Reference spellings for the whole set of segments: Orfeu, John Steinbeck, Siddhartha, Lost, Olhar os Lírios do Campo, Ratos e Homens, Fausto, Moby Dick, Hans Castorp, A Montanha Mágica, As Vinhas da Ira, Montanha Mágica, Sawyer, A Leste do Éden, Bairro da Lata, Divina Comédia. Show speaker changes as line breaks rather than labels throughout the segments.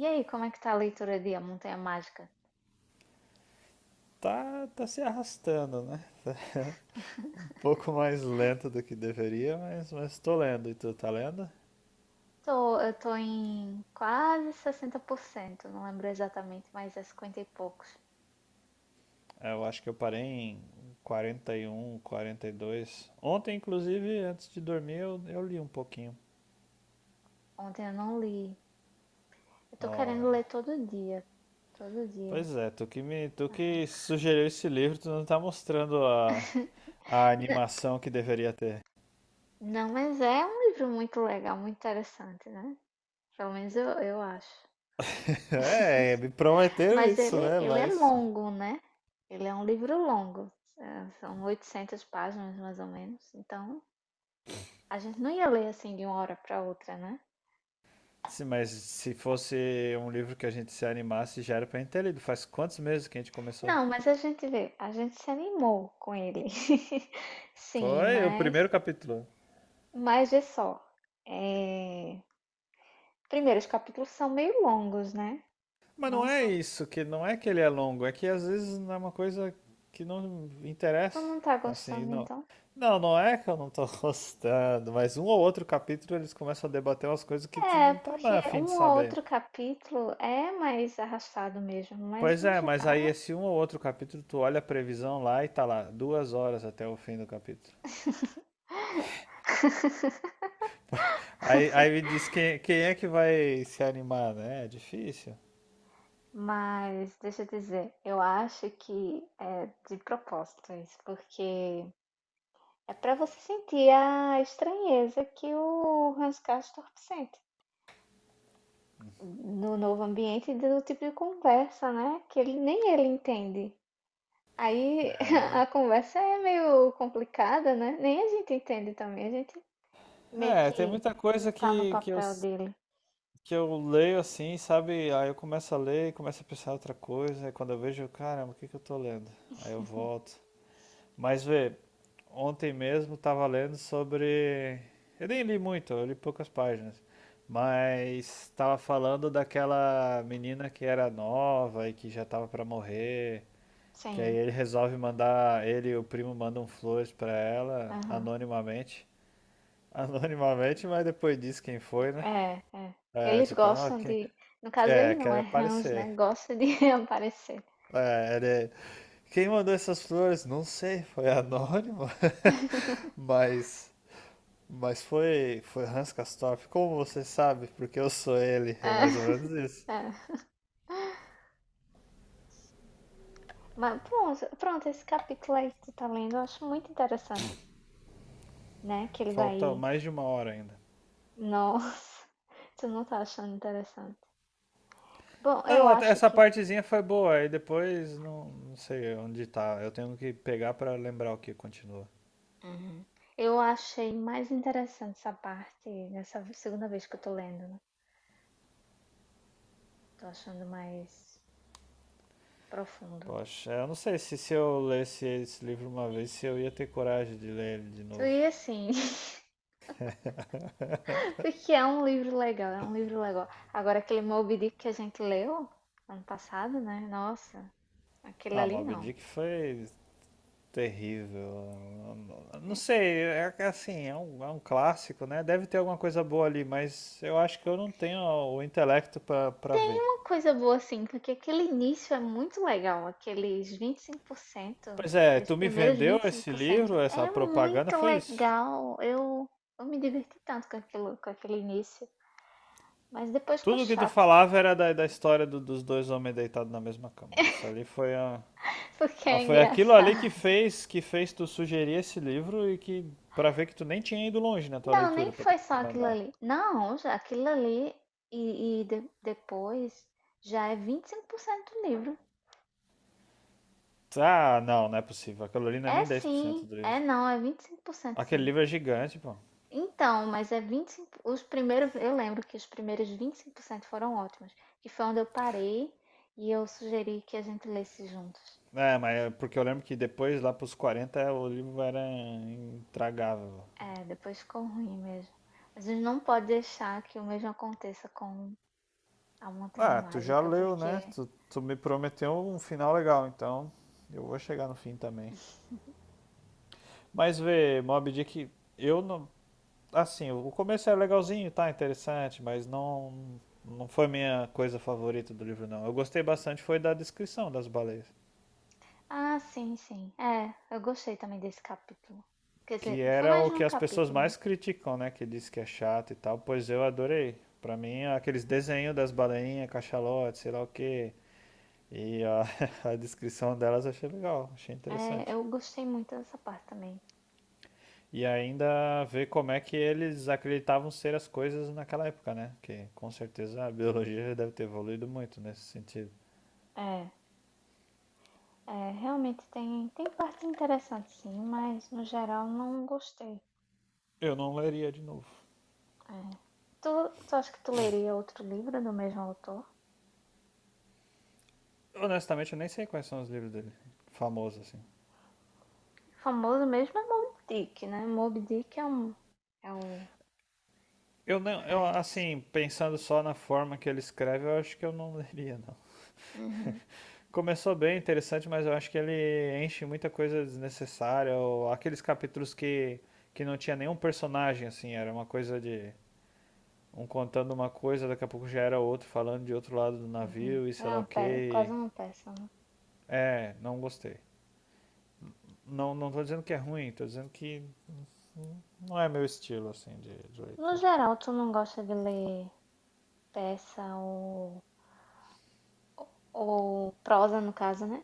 E aí, como é que tá a leitura de A Montanha Mágica?
Tá, tá se arrastando, né? um pouco mais lento do que deveria, mas tô lendo. E tu tá lendo?
Eu tô em quase 60%, não lembro exatamente, mas é 50 e poucos.
É, eu acho que eu parei em 40 41 42. Ontem, inclusive, antes de dormir, eu li um pouquinho.
Ontem eu não li. Eu tô querendo ler
Olha.
todo dia, todo dia.
Pois é, tu que sugeriu esse livro, tu não tá mostrando a animação que deveria ter.
Não, mas é um livro muito legal, muito interessante, né? Pelo menos eu acho.
É, me prometeram
Mas
isso,
ele,
né?
ele é longo, né? Ele é um livro longo. É, são 800 páginas, mais ou menos. Então, a gente não ia ler assim de uma hora para outra, né?
Sim, mas se fosse um livro que a gente se animasse, já era pra gente ter lido. Faz quantos meses que a gente começou?
Não, mas a gente vê, a gente se animou com ele. Sim,
Foi o
mas,
primeiro capítulo.
mas vê só. É. Primeiro, os capítulos são meio longos, né?
Mas não
Não
é
são.
isso, que não é que ele é longo, é que às vezes não é uma coisa que não
Tu
interessa.
não tá
Assim,
gostando,
não.
então?
Não, não é que eu não tô gostando, mas um ou outro capítulo eles começam a debater umas coisas que tu
É,
não tá
porque
mais a fim de
um ou
saber.
outro capítulo é mais arrastado mesmo, mas
Pois
no
é, mas
geral.
aí esse um ou outro capítulo, tu olha a previsão lá e tá lá, 2 horas até o fim do capítulo. Aí me diz quem é que vai se animar, né? É difícil.
Mas deixa eu dizer, eu acho que é de propósito isso, porque é pra você sentir a estranheza que o Hans Castorp sente no novo ambiente, do tipo de conversa, né? Que ele nem ele entende. Aí a conversa é meio complicada, né? Nem a gente entende também. A gente meio
É, tem
que
muita coisa
tá no
que, que eu,
papel
s-
dele.
que eu leio assim, sabe? Aí eu começo a ler, começo a pensar em outra coisa, aí quando eu vejo, caramba, o que que eu tô lendo? Aí eu volto. Mas vê, ontem mesmo tava lendo sobre. Eu nem li muito, eu li poucas páginas. Mas tava falando daquela menina que era nova e que já tava pra morrer. Que aí
Sim,
ele resolve mandar, ele e o primo mandam flores pra ela,
aham.
anonimamente. Anonimamente, mas depois diz quem foi, né?
É, é.
É,
Eles
tipo, ah,
gostam
quem...
de... No caso,
É,
ele não é
quero
Hans,
aparecer.
né? Gosta de aparecer.
É, ele... Quem mandou essas flores? Não sei, foi anônimo. mas... Mas foi Hans Castorp. Como você sabe? Porque eu sou ele. É
É,
mais ou menos isso.
é. Mas pronto, pronto, esse capítulo aí que tu tá lendo, eu acho muito interessante, né? Que ele
Falta
vai...
mais de uma hora ainda.
Nossa, tu não tá achando interessante. Bom, eu
Não, até
acho
essa
que...
partezinha foi boa, aí depois não, não sei onde tá. Eu tenho que pegar pra lembrar o que continua.
Uhum. Eu achei mais interessante essa parte nessa segunda vez que eu tô lendo, né? Tô achando mais profundo.
Poxa, eu não sei se eu lesse esse livro uma vez, se eu ia ter coragem de ler ele de
Então,
novo.
e assim, porque é um livro legal, é um livro legal. Agora aquele Moby Dick que a gente leu ano passado, né? Nossa, aquele
Ah,
ali
Moby
não...
Dick foi terrível. Não sei, é que, assim, é um clássico, né? Deve ter alguma coisa boa ali, mas eu acho que eu não tenho o intelecto pra ver.
Uma coisa boa assim, porque aquele início é muito legal, aqueles 25%,
Pois é,
aqueles
tu me
primeiros
vendeu
vinte e cinco
esse
por cento
livro, essa
é
propaganda,
muito
foi isso.
legal. Eu me diverti tanto com aquilo, com aquele início. Mas depois ficou
Tudo que tu
chato,
falava era da história dos dois homens deitados na mesma cama. Isso ali
porque é
foi aquilo ali que
engraçado.
fez tu sugerir esse livro e que pra ver que tu nem tinha ido longe na tua
Não, nem
leitura pra tu
foi só aquilo
recomendar.
ali. Não, já aquilo ali e depois já é 25% do livro.
Ah, não, não é possível. Aquilo ali não é
É
nem 10%
sim,
do livro.
é não, é 25%
Aquele
sim.
livro é gigante, pô.
Então, mas é 25 os primeiros, eu lembro que os primeiros 25% foram ótimos, que foi onde eu parei e eu sugeri que a gente lesse juntos.
É, mas é porque eu lembro que depois, lá pros 40 o livro era intragável.
É, depois ficou ruim mesmo. Mas a gente não pode deixar que o mesmo aconteça com a Montanha
Ah, tu já
Mágica,
leu, né?
porque...
Tu me prometeu um final legal, então eu vou chegar no fim também. Mas vê, Mob Dick, eu não. Assim, o começo é legalzinho, tá interessante, mas não. Não foi minha coisa favorita do livro, não. Eu gostei bastante foi da descrição das baleias.
Ah, sim, sim. É, eu gostei também desse capítulo. Quer
Que
dizer, foi
era
mais
o
de
que
um
as pessoas
capítulo, né?
mais criticam, né? Que diz que é chato e tal. Pois eu adorei. Pra mim, aqueles desenhos das baleinhas, cachalote, sei lá o quê. E a, a descrição delas eu achei legal, achei
É,
interessante.
eu gostei muito dessa parte também.
E ainda ver como é que eles acreditavam ser as coisas naquela época, né? Que com certeza a biologia deve ter evoluído muito nesse sentido.
É, é, realmente tem, partes interessantes, sim, mas no geral não gostei.
Eu não leria de novo.
É. Tu, tu acha que tu leria outro livro do mesmo autor?
Honestamente, eu nem sei quais são os livros dele, famosos assim.
O famoso mesmo é Moby Dick, né? Moby Dick é um, é um...
Eu não, eu
Mas...
assim, pensando só na forma que ele escreve, eu acho que eu não leria não.
Uhum,
Começou bem interessante, mas eu acho que ele enche muita coisa desnecessária, ou aqueles capítulos que não tinha nenhum personagem assim, era uma coisa de um contando uma coisa, daqui a pouco já era outro falando de outro lado do
uhum.
navio e sei
Era
lá o
uma quase
que.
uma peça, né?
É, não gostei. Não, não tô dizendo que é ruim, tô dizendo que não é meu estilo, assim, de
No
leitura.
geral, tu não gosta de ler peça Ou prosa, no caso, né?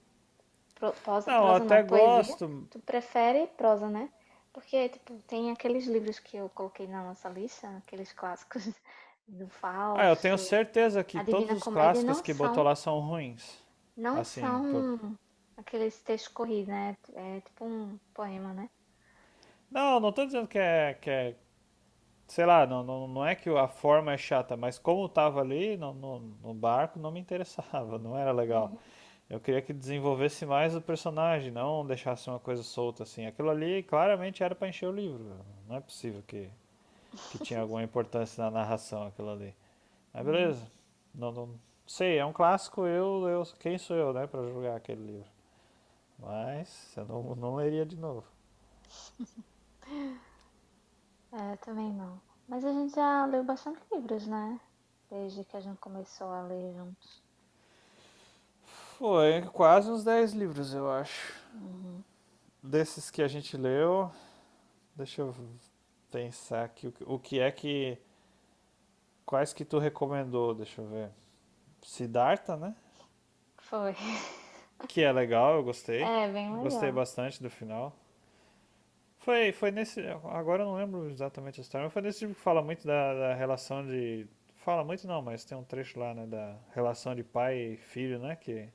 Prosa,
Não, eu
prosa não,
até
poesia.
gosto.
Tu prefere prosa, né? Porque, tipo, tem aqueles livros que eu coloquei na nossa lista, aqueles clássicos do
Ah, eu tenho
Fausto,
certeza que
a
todos
Divina
os
Comédia,
clássicos
não
que botou
são,
lá são ruins.
não
Assim, por...
são aqueles textos corridos, né? É tipo um poema, né?
não, não tô dizendo que é, sei lá, não, não, não é que a forma é chata, mas como eu tava ali no barco, não me interessava, não era legal.
Uhum.
Eu queria que desenvolvesse mais o personagem, não deixasse uma coisa solta assim. Aquilo ali claramente era pra encher o livro. Velho. Não é possível que tinha alguma importância na narração aquilo ali. Mas
Hum,
beleza. Não, não sei, é um clássico, eu quem sou eu, né, pra julgar aquele livro. Mas eu não, não leria de novo.
É, eu também não. Mas a gente já leu bastante livros, né? Desde que a gente começou a ler juntos.
Foi quase uns 10 livros, eu acho.
Uhum.
Desses que a gente leu, deixa eu pensar aqui o que é que. Quais que tu recomendou? Deixa eu ver. Siddhartha, né?
Foi.
Que é legal, eu gostei.
É, bem
Gostei
legal.
bastante do final. Foi nesse. Agora eu não lembro exatamente a história, mas foi nesse tipo que fala muito da relação de. Fala muito não, mas tem um trecho lá, né? Da relação de pai e filho, né? Que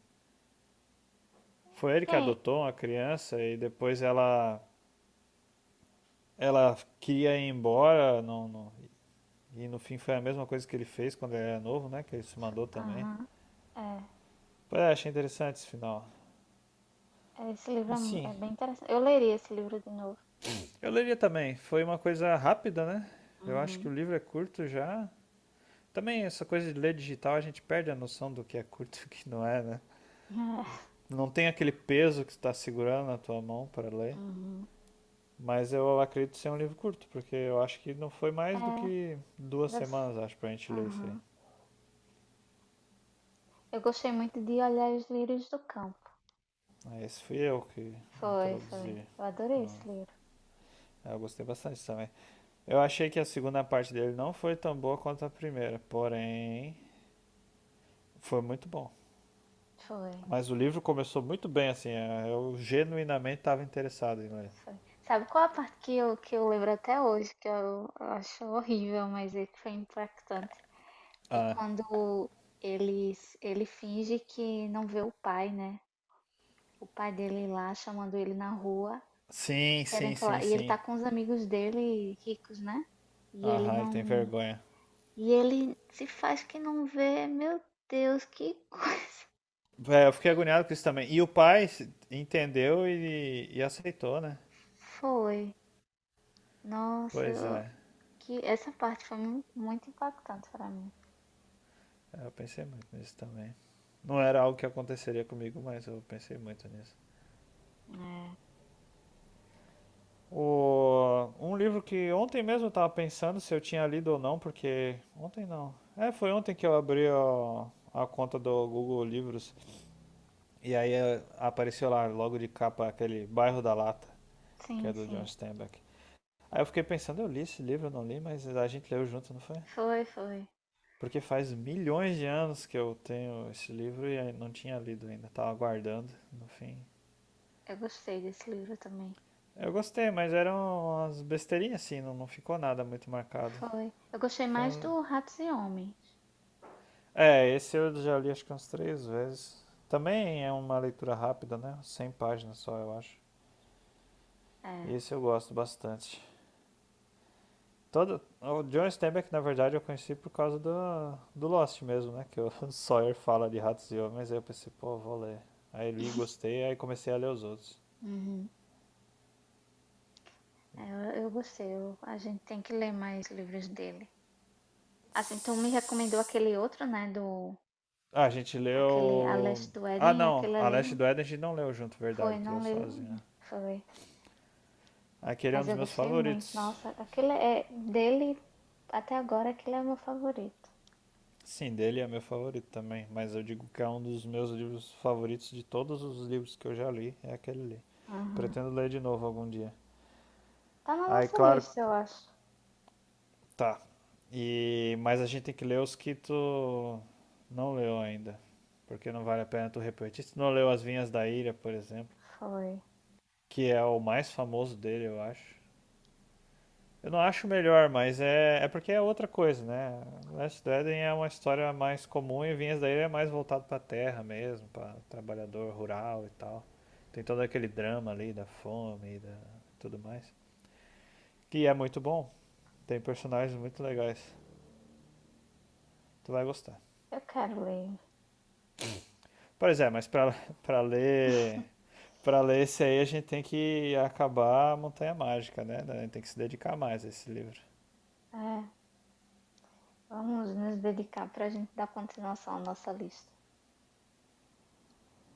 foi ele que
Tem.
adotou uma criança e depois ela queria ir embora. E no fim foi a mesma coisa que ele fez quando ele era novo, né? Que ele se mandou também.
Aham. É,
Pois é, achei interessante esse final.
é, esse livro
E
é mu é
sim,
bem interessante. Eu leria esse livro de novo.
eu leria também. Foi uma coisa rápida, né? Eu acho que
Uhum.
o livro é curto já. Também essa coisa de ler digital, a gente perde a noção do que é curto e o que não é, né? Não tem aquele peso que você está segurando na tua mão para ler.
Uhum.
Mas eu acredito ser um livro curto, porque eu acho que não foi
É,
mais do que duas
deve se...
semanas, acho, pra gente ler isso aí.
aham. Eu gostei muito de Olhar os Lírios do Campo.
Aí esse fui eu que
Foi, foi.
introduzi.
Eu adorei esse livro.
Ah, eu gostei bastante também. Eu achei que a segunda parte dele não foi tão boa quanto a primeira, porém foi muito bom.
Foi.
Mas o livro começou muito bem, assim, é, eu genuinamente estava interessado em ler.
Foi. Sabe qual a parte que eu, lembro até hoje, que eu acho horrível, mas é que foi impactante? É
Ah,
quando ele, ele finge que não vê o pai, né? O pai dele lá chamando ele na rua,
sim, sim,
querendo falar.
sim,
E ele
sim.
tá com os amigos dele ricos, né? E ele
Aham, ele tem
não...
vergonha.
E ele se faz que não vê. Meu Deus, que coisa...
É, eu fiquei agoniado com isso também. E o pai entendeu e aceitou, né?
foi. Nossa,
Pois é.
que essa parte foi muito impactante pra mim.
É, eu pensei muito nisso também. Não era algo que aconteceria comigo, mas eu pensei muito nisso.
É.
Um livro que ontem mesmo eu tava pensando se eu tinha lido ou não, porque. Ontem não. É, foi ontem que eu abri a conta do Google Livros. E aí apareceu lá, logo de capa, aquele Bairro da Lata, que
Sim,
é do John
sim.
Steinbeck. Aí eu fiquei pensando, eu li esse livro, eu não li, mas a gente leu junto, não foi?
Foi, foi.
Porque faz milhões de anos que eu tenho esse livro e não tinha lido ainda, tava aguardando, no fim.
Eu gostei desse livro também.
Eu gostei, mas eram umas besteirinhas assim, não, não ficou nada muito marcado.
Foi. Eu gostei
Foi
mais
um-
do Ratos e Homens.
É, esse eu já li acho que umas 3 vezes. Também é uma leitura rápida, né? 100 páginas só, eu acho. E
É.
esse eu gosto bastante. Todo, o John Steinbeck, na verdade, eu conheci por causa do Lost mesmo, né? Que o Sawyer fala de ratos e homens, aí eu pensei, pô, vou ler. Aí li, gostei, aí comecei a ler os outros.
Uhum. É, eu gostei. A gente tem que ler mais livros dele. Assim, tu me recomendou aquele outro, né? Do...
Ah, a gente
aquele A
leu.
Leste do
Ah,
Éden,
não,
aquele
A
ali
Leste do Éden a gente não leu junto,
foi,
verdade, tu leu
não
sozinho,
lembro,
né?
foi,
Aquele é um
mas
dos
eu
meus
gostei muito.
favoritos.
Nossa, aquele é dele até agora, aquele é meu favorito.
Sim, dele é meu favorito também, mas eu digo que é um dos meus livros favoritos de todos os livros que eu já li, é aquele ali.
Uhum.
Pretendo ler de novo algum dia.
Tá na
Aí,
nossa
claro.
lista, eu acho.
Tá. E mas a gente tem que ler os que tu não leu ainda, porque não vale a pena tu repetir. Se tu não leu As Vinhas da Ira, por exemplo,
Foi.
que é o mais famoso dele, eu acho. Eu não acho o melhor, mas é porque é outra coisa, né? Last of the Eden é uma história mais comum e Vinhas da Ira é mais voltado pra terra mesmo, pra trabalhador rural e tal. Tem todo aquele drama ali da fome e da tudo mais, que é muito bom. Tem personagens muito legais. Tu vai gostar.
Eu quero ler.
Pois é, mas para ler esse aí a gente tem que acabar a Montanha Mágica, né? A gente tem que se dedicar mais a esse livro.
É, vamos nos dedicar pra gente dar continuação à nossa lista.